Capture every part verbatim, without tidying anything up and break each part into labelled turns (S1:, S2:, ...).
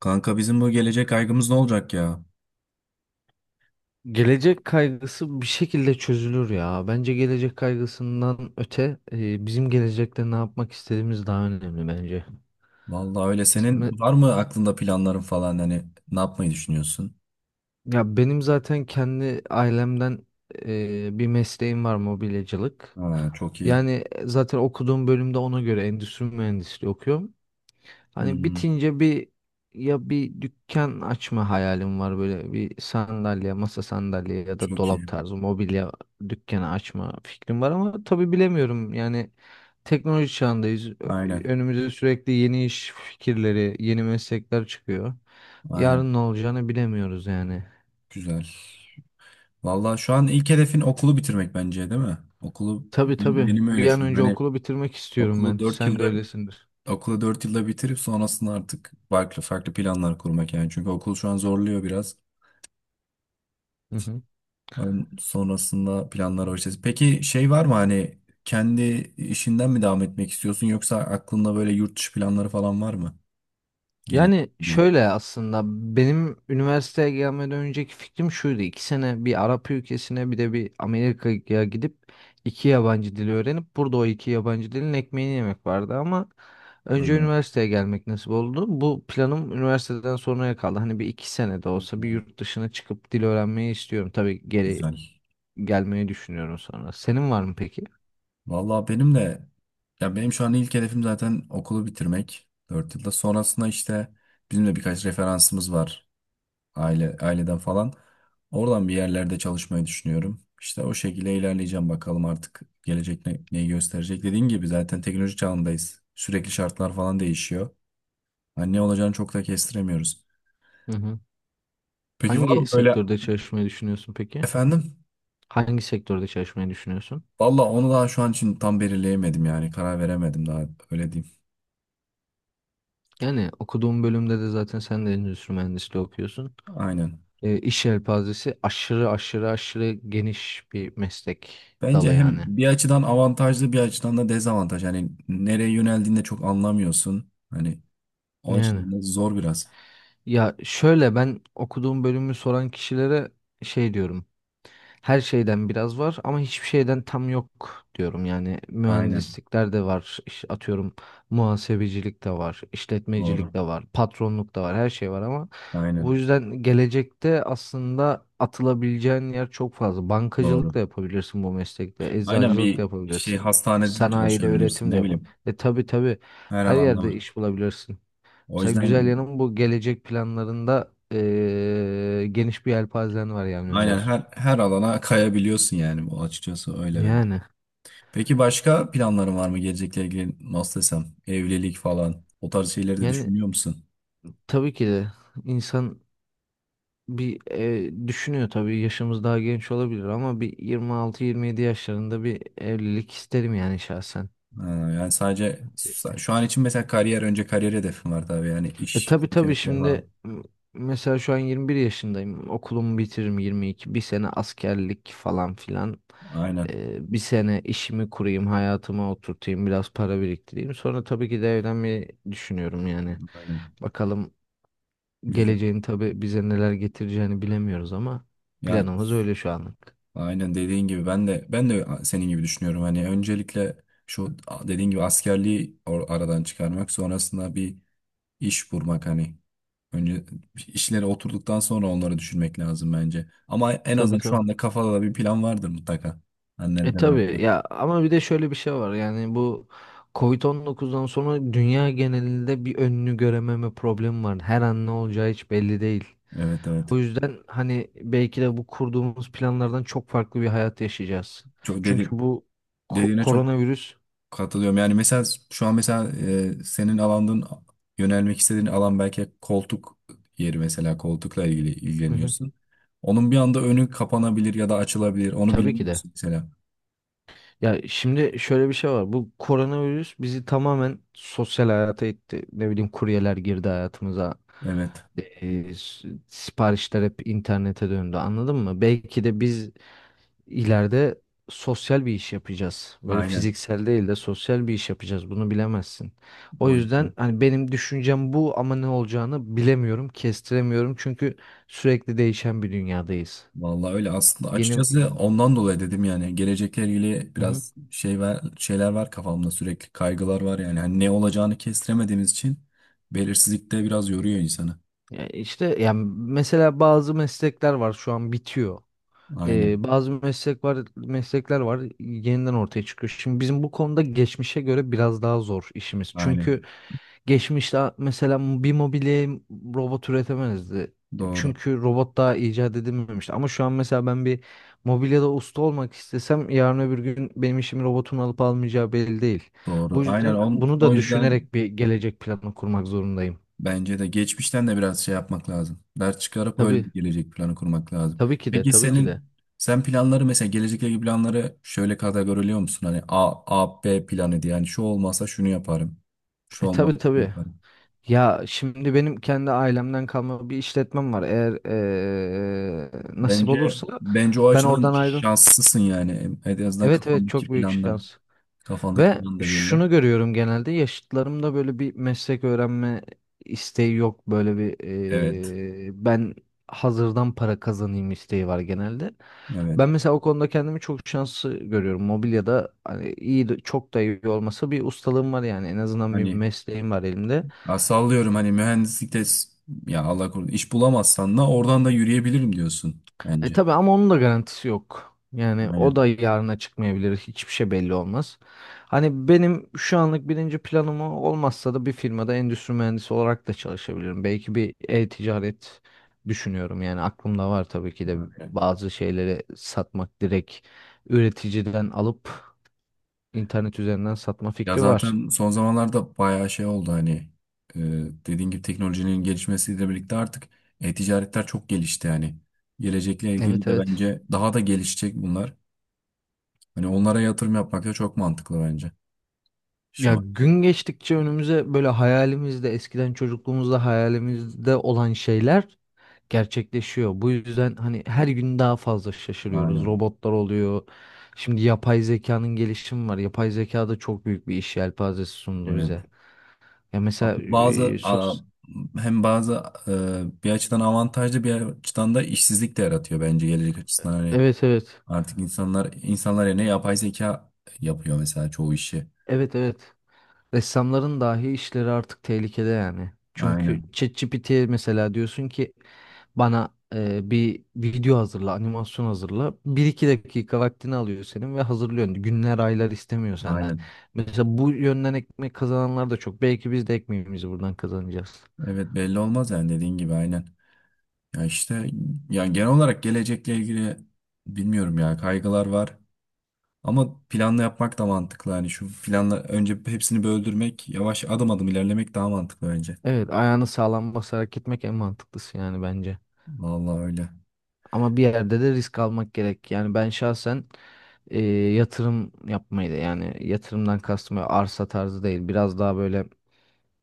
S1: Kanka bizim bu gelecek kaygımız ne olacak ya?
S2: Gelecek kaygısı bir şekilde çözülür ya. Bence gelecek kaygısından öte e, bizim gelecekte ne yapmak istediğimiz daha önemli bence.
S1: Vallahi öyle. Senin
S2: Me-
S1: var mı aklında planların falan, hani ne yapmayı düşünüyorsun?
S2: Ya benim zaten kendi ailemden e, bir mesleğim var, mobilyacılık.
S1: Ha, çok iyi.
S2: Yani e, zaten okuduğum bölümde ona göre endüstri mühendisliği okuyorum. Hani
S1: Hmm,
S2: bitince bir ya bir dükkan açma hayalim var, böyle bir sandalye, masa sandalye ya da
S1: çok iyi.
S2: dolap tarzı mobilya dükkanı açma fikrim var ama tabii bilemiyorum. Yani teknoloji çağındayız. Ö-
S1: Aynen.
S2: Önümüze sürekli yeni iş fikirleri, yeni meslekler çıkıyor.
S1: Aynen.
S2: Yarın ne olacağını bilemiyoruz yani.
S1: Güzel. Vallahi şu an ilk hedefin okulu bitirmek bence, değil mi? Okulu
S2: Tabii
S1: benim
S2: tabii.
S1: benim
S2: Bir
S1: öyle
S2: an
S1: şu an.
S2: önce
S1: Hani
S2: okulu bitirmek istiyorum
S1: okulu
S2: ben.
S1: dört
S2: Sen de
S1: yılda
S2: öylesindir.
S1: okulu dört yılda bitirip sonrasında artık farklı farklı planlar kurmak yani. Çünkü okul şu an zorluyor biraz.
S2: Hı hı.
S1: Ön- Sonrasında planlar var işte. Peki şey var mı, hani kendi işinden mi devam etmek istiyorsun, yoksa aklında böyle yurt dışı planları falan var mı?
S2: Yani
S1: Gerekli.
S2: şöyle aslında benim üniversiteye gelmeden önceki fikrim şuydu. İki sene bir Arap ülkesine, bir de bir Amerika'ya gidip iki yabancı dili öğrenip burada o iki yabancı dilin ekmeğini yemek vardı ama önce
S1: Ana,
S2: üniversiteye gelmek nasip oldu. Bu planım üniversiteden sonraya kaldı. Hani bir iki sene de olsa bir yurt dışına çıkıp dil öğrenmeyi istiyorum. Tabii geri
S1: güzel.
S2: gelmeyi düşünüyorum sonra. Senin var mı peki?
S1: Vallahi benim de, ya benim şu an ilk hedefim zaten okulu bitirmek. Dört yılda sonrasında işte bizim de birkaç referansımız var, aile aileden falan. Oradan bir yerlerde çalışmayı düşünüyorum. İşte o şekilde ilerleyeceğim, bakalım artık gelecek ne, neyi gösterecek. Dediğin gibi zaten teknoloji çağındayız. Sürekli şartlar falan değişiyor. Hani ne olacağını çok da kestiremiyoruz.
S2: Hı hı.
S1: Peki var
S2: Hangi
S1: mı böyle?
S2: sektörde çalışmayı düşünüyorsun peki?
S1: Efendim?
S2: Hangi sektörde çalışmayı düşünüyorsun?
S1: Valla onu daha şu an için tam belirleyemedim yani, karar veremedim daha, öyle diyeyim.
S2: Yani okuduğum bölümde de zaten sen de endüstri mühendisliği okuyorsun.
S1: Aynen.
S2: E, iş yelpazesi aşırı aşırı aşırı geniş bir meslek
S1: Bence
S2: dalı
S1: hem
S2: yani.
S1: bir açıdan avantajlı, bir açıdan da dezavantaj. Hani nereye yöneldiğinde çok anlamıyorsun. Hani o
S2: Yani.
S1: açıdan da zor biraz.
S2: Ya şöyle, ben okuduğum bölümü soran kişilere şey diyorum. Her şeyden biraz var ama hiçbir şeyden tam yok diyorum. Yani
S1: Aynen.
S2: mühendislikler de var. İş- atıyorum, muhasebecilik de var,
S1: Doğru.
S2: işletmecilik de var, patronluk da var, her şey var ama bu
S1: Aynen.
S2: yüzden gelecekte aslında atılabileceğin yer çok fazla.
S1: Doğru.
S2: Bankacılık da yapabilirsin bu meslekte,
S1: Aynen,
S2: eczacılık da
S1: bir şey
S2: yapabilirsin,
S1: hastanede de
S2: sanayide
S1: çalışabilirsin,
S2: üretim de
S1: ne
S2: yapabilirsin.
S1: bileyim.
S2: E tabii tabii,
S1: Her
S2: her
S1: alanda
S2: yerde
S1: var.
S2: iş bulabilirsin.
S1: O
S2: Mesela güzel
S1: yüzden
S2: yanım, bu gelecek planlarında eee, geniş bir yelpazen var yani,
S1: aynen
S2: Önder.
S1: her her alana kayabiliyorsun yani, bu açıkçası öyle bence.
S2: Yani
S1: Peki başka planların var mı gelecekle ilgili, nasıl desem, evlilik falan o tarz şeyleri de
S2: yani
S1: düşünüyor musun?
S2: tabii ki de, insan bir eee, düşünüyor tabii, yaşımız daha genç olabilir ama bir yirmi altı yirmi yedi yaşlarında bir evlilik isterim yani şahsen.
S1: Ha, yani sadece şu an için mesela kariyer, önce kariyer hedefim var tabii, yani
S2: E
S1: iş
S2: tabii tabii,
S1: seçenekleri
S2: şimdi
S1: falan.
S2: m- mesela şu an yirmi bir yaşındayım. Okulumu bitiririm yirmi iki. Bir sene askerlik falan filan.
S1: Aynen.
S2: Ee, bir sene işimi kurayım, hayatıma oturtayım, biraz para biriktireyim. Sonra tabii ki de evlenmeyi düşünüyorum yani.
S1: Aynen.
S2: Bakalım,
S1: Güzel.
S2: geleceğin tabii bize neler getireceğini bilemiyoruz ama
S1: Ya
S2: planımız öyle şu anlık.
S1: aynen dediğin gibi, ben de ben de senin gibi düşünüyorum. Hani öncelikle şu dediğin gibi askerliği or- aradan çıkarmak, sonrasında bir iş bulmak, hani önce işlere oturduktan sonra onları düşünmek lazım bence. Ama en
S2: Tabii
S1: azından şu
S2: tabii.
S1: anda kafada da bir plan vardır mutlaka.
S2: E
S1: Annenden ne
S2: tabii
S1: yapacağım?
S2: ya, ama bir de şöyle bir şey var yani, bu covid dokuzdan sonra dünya genelinde bir önünü görememe problemi var. Her an ne olacağı hiç belli değil.
S1: Evet,
S2: O
S1: evet.
S2: yüzden hani belki de bu kurduğumuz planlardan çok farklı bir hayat yaşayacağız.
S1: Çok
S2: Çünkü
S1: dedi
S2: bu ko-
S1: Dediğine çok
S2: koronavirüs.
S1: katılıyorum. Yani mesela şu an mesela, e, senin alandın, yönelmek istediğin alan, belki koltuk yeri, mesela koltukla ilgili
S2: Hı hı.
S1: ilgileniyorsun. Onun bir anda önü kapanabilir ya da açılabilir. Onu
S2: Tabii ki de.
S1: bilemiyorsun mesela.
S2: Ya şimdi şöyle bir şey var. Bu koronavirüs bizi tamamen sosyal hayata itti. Ne bileyim, kuryeler girdi hayatımıza.
S1: Evet.
S2: Ee, s- siparişler hep internete döndü. Anladın mı? Belki de biz ileride sosyal bir iş yapacağız. Böyle
S1: Aynen.
S2: fiziksel değil de sosyal bir iş yapacağız. Bunu bilemezsin. O
S1: O
S2: yüzden
S1: yüzden.
S2: hani benim düşüncem bu ama ne olacağını bilemiyorum, kestiremiyorum. Çünkü sürekli değişen bir dünyadayız.
S1: Vallahi öyle aslında,
S2: Yeni
S1: açıkçası ondan dolayı dedim yani gelecekle ilgili
S2: Hı hı.
S1: biraz şey var, şeyler var kafamda, sürekli kaygılar var yani. Hani ne olacağını kestiremediğimiz için belirsizlik de biraz yoruyor insanı.
S2: Ya işte yani mesela bazı meslekler var şu an bitiyor.
S1: Aynen.
S2: Ee, bazı meslek var, meslekler var, yeniden ortaya çıkıyor. Şimdi bizim bu konuda geçmişe göre biraz daha zor işimiz. Çünkü
S1: Aynen.
S2: geçmişte mesela bir mobilyayı robot üretemezdi.
S1: Doğru.
S2: Çünkü robot daha icat edilmemişti. Ama şu an mesela ben bir mobilyada usta olmak istesem yarın öbür gün benim işimi robotun alıp almayacağı belli değil.
S1: Doğru.
S2: Bu
S1: Aynen
S2: yüzden
S1: on,
S2: bunu
S1: o
S2: da
S1: yüzden
S2: düşünerek bir gelecek planı kurmak zorundayım.
S1: bence de geçmişten de biraz şey yapmak lazım. Ders çıkarıp öyle
S2: Tabii,
S1: bir gelecek planı kurmak lazım.
S2: tabii ki de,
S1: Peki
S2: tabii ki de.
S1: senin, sen planları mesela gelecekle ilgili planları şöyle kategoriliyor musun? Hani A, A, B planı diye. Yani şu olmazsa şunu yaparım. Şu
S2: E
S1: olmazsa
S2: tabii
S1: şunu
S2: tabii.
S1: yaparım.
S2: Ya şimdi benim kendi ailemden kalma bir işletmem var. Eğer eee, nasip
S1: Bence
S2: olursa
S1: bence o
S2: ben
S1: açıdan
S2: oradan ayrıl.
S1: şanslısın yani. En azından
S2: Evet evet,
S1: kafandaki
S2: çok büyük
S1: planda.
S2: şans.
S1: Kafandaki
S2: Ve
S1: plan da belli.
S2: şunu görüyorum, genelde yaşıtlarımda böyle bir meslek öğrenme isteği yok. Böyle bir
S1: Evet.
S2: eee, ben hazırdan para kazanayım isteği var genelde.
S1: Evet.
S2: Ben mesela o konuda kendimi çok şanslı görüyorum. Mobilyada, hani iyi de- çok da iyi olmasa, bir ustalığım var yani, en azından bir
S1: Hani,
S2: mesleğim var elimde.
S1: ya sallıyorum hani mühendislikte s-, ya Allah korusun iş bulamazsan da oradan da yürüyebilirim diyorsun
S2: E
S1: bence.
S2: tabii ama onun da garantisi yok. Yani o
S1: Aynen.
S2: da yarına çıkmayabilir. Hiçbir şey belli olmaz. Hani benim şu anlık birinci planım o. Olmazsa da bir firmada endüstri mühendisi olarak da çalışabilirim. Belki bir e-ticaret düşünüyorum. Yani aklımda var tabii ki de,
S1: Aynen.
S2: bazı şeyleri satmak, direkt üreticiden alıp internet üzerinden satma
S1: Ya
S2: fikri var.
S1: zaten son zamanlarda bayağı şey oldu, hani e, dediğin gibi teknolojinin gelişmesiyle birlikte artık e-ticaretler çok gelişti yani. Gelecekle ilgili
S2: Evet
S1: de
S2: evet.
S1: bence daha da gelişecek bunlar. Hani onlara yatırım yapmak da çok mantıklı bence şu
S2: Ya
S1: an için.
S2: gün geçtikçe önümüze böyle, hayalimizde, eskiden çocukluğumuzda hayalimizde olan şeyler gerçekleşiyor. Bu yüzden hani her gün daha fazla şaşırıyoruz.
S1: Aynen.
S2: Robotlar oluyor. Şimdi yapay zekanın gelişimi var. Yapay zeka da çok büyük bir iş yelpazesi sundu
S1: Evet.
S2: bize. Ya mesela.
S1: Bazı
S2: E,
S1: a-
S2: sos.
S1: Hem bazı e, bir açıdan avantajlı, bir açıdan da işsizlik de yaratıyor bence gelecek açısından, hani
S2: Evet evet.
S1: artık insanlar insanlar yerine yapay zeka yapıyor mesela çoğu işi.
S2: Evet evet. Ressamların dahi işleri artık tehlikede yani. Çünkü
S1: Aynen.
S2: ChatGPT'ye mesela diyorsun ki bana e, bir video hazırla, animasyon hazırla. Bir iki dakika vaktini alıyor senin ve hazırlıyorsun. Günler, aylar istemiyor senden.
S1: Aynen.
S2: Mesela bu yönden ekmek kazananlar da çok. Belki biz de ekmeğimizi buradan kazanacağız.
S1: Evet, belli olmaz yani dediğin gibi, aynen. Ya işte, ya genel olarak gelecekle ilgili bilmiyorum ya, kaygılar var. Ama planla yapmak da mantıklı. Hani şu planla önce hepsini böldürmek, yavaş adım adım ilerlemek daha mantıklı bence.
S2: Evet, ayağını sağlam basarak gitmek en mantıklısı yani bence.
S1: Vallahi öyle.
S2: Ama bir yerde de risk almak gerek. Yani ben şahsen e, yatırım yapmayı da, yani yatırımdan kastım böyle arsa tarzı değil, biraz daha böyle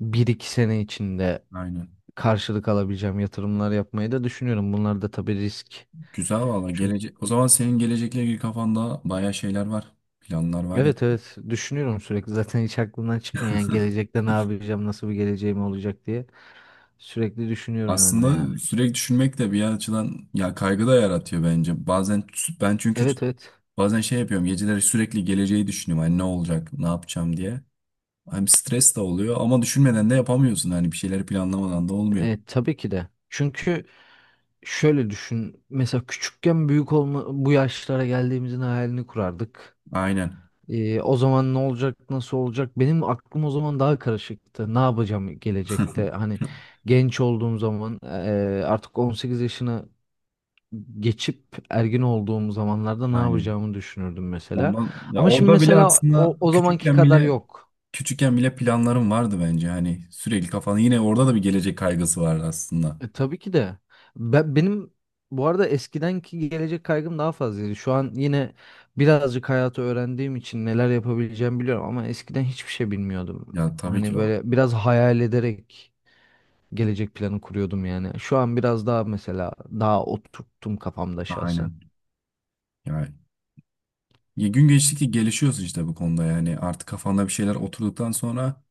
S2: bir iki sene içinde
S1: Aynen.
S2: karşılık alabileceğim yatırımlar yapmayı da düşünüyorum. Bunlar da tabii risk.
S1: Güzel valla
S2: Çünkü
S1: gelecek. O zaman senin gelecekle ilgili kafanda bayağı şeyler var. Planlar var ya.
S2: evet evet, düşünüyorum sürekli. Zaten hiç aklımdan çıkmıyor yani, gelecekte ne yapacağım, nasıl bir geleceğim olacak diye. Sürekli düşünüyorum ben de yani.
S1: Aslında sürekli düşünmek de bir açıdan ya kaygı da yaratıyor bence. Bazen ben çünkü
S2: Evet evet.
S1: bazen şey yapıyorum. Geceleri sürekli geleceği düşünüyorum. Hani ne olacak, ne yapacağım diye. Hani stres de oluyor ama düşünmeden de yapamıyorsun. Hani bir şeyleri planlamadan da olmuyor.
S2: E, tabii ki de. Çünkü Şöyle düşün. Mesela küçükken büyük olma, bu yaşlara geldiğimizin hayalini kurardık.
S1: Aynen.
S2: Ee, o zaman ne olacak, nasıl olacak? Benim aklım o zaman daha karışıktı. Ne yapacağım gelecekte? Hani genç olduğum zaman, eee, artık on sekiz yaşına geçip ergin olduğum zamanlarda ne
S1: Aynen.
S2: yapacağımı düşünürdüm mesela.
S1: Ondan ya
S2: Ama şimdi
S1: Orada bile
S2: mesela
S1: aslında,
S2: o, o zamanki
S1: küçükken
S2: kadar
S1: bile
S2: yok.
S1: küçükken bile planlarım vardı bence. Hani sürekli kafanı, yine orada da bir gelecek kaygısı vardı aslında.
S2: E, tabii ki de. Ben, benim bu arada eskidenki gelecek kaygım daha fazlaydı. Şu an yine birazcık hayatı öğrendiğim için neler yapabileceğimi biliyorum ama eskiden hiçbir şey bilmiyordum.
S1: Ya tabii ki
S2: Hani
S1: o.
S2: böyle biraz hayal ederek gelecek planı kuruyordum yani. Şu an biraz daha mesela daha oturttum kafamda şahsen.
S1: Aynen. Yani gün geçtikçe gelişiyorsun işte bu konuda, yani artık kafanda bir şeyler oturduktan sonra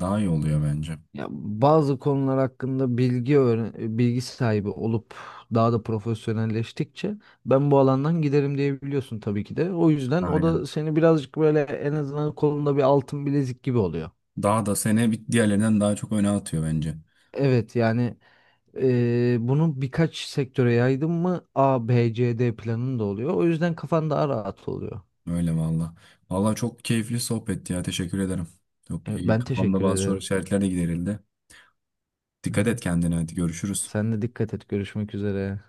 S1: daha iyi oluyor bence.
S2: Ya bazı konular hakkında bilgi öğren bilgi sahibi olup daha da profesyonelleştikçe ben bu alandan giderim diye biliyorsun tabii ki de. O yüzden o
S1: Aynen.
S2: da seni birazcık böyle en azından kolunda bir altın bilezik gibi oluyor.
S1: Daha da seni bir diğerlerinden daha çok öne atıyor bence.
S2: Evet yani eee bunu birkaç sektöre yaydın mı A, B, C, D planın da oluyor. O yüzden kafan daha rahat oluyor.
S1: Öyle valla. Valla çok keyifli sohbetti ya, teşekkür ederim. Çok
S2: Evet,
S1: iyi,
S2: ben
S1: kafamda
S2: teşekkür
S1: bazı soru
S2: ederim.
S1: işaretleri de giderildi.
S2: Hı
S1: Dikkat et
S2: hı.
S1: kendine, hadi görüşürüz.
S2: Sen de dikkat et. Görüşmek üzere.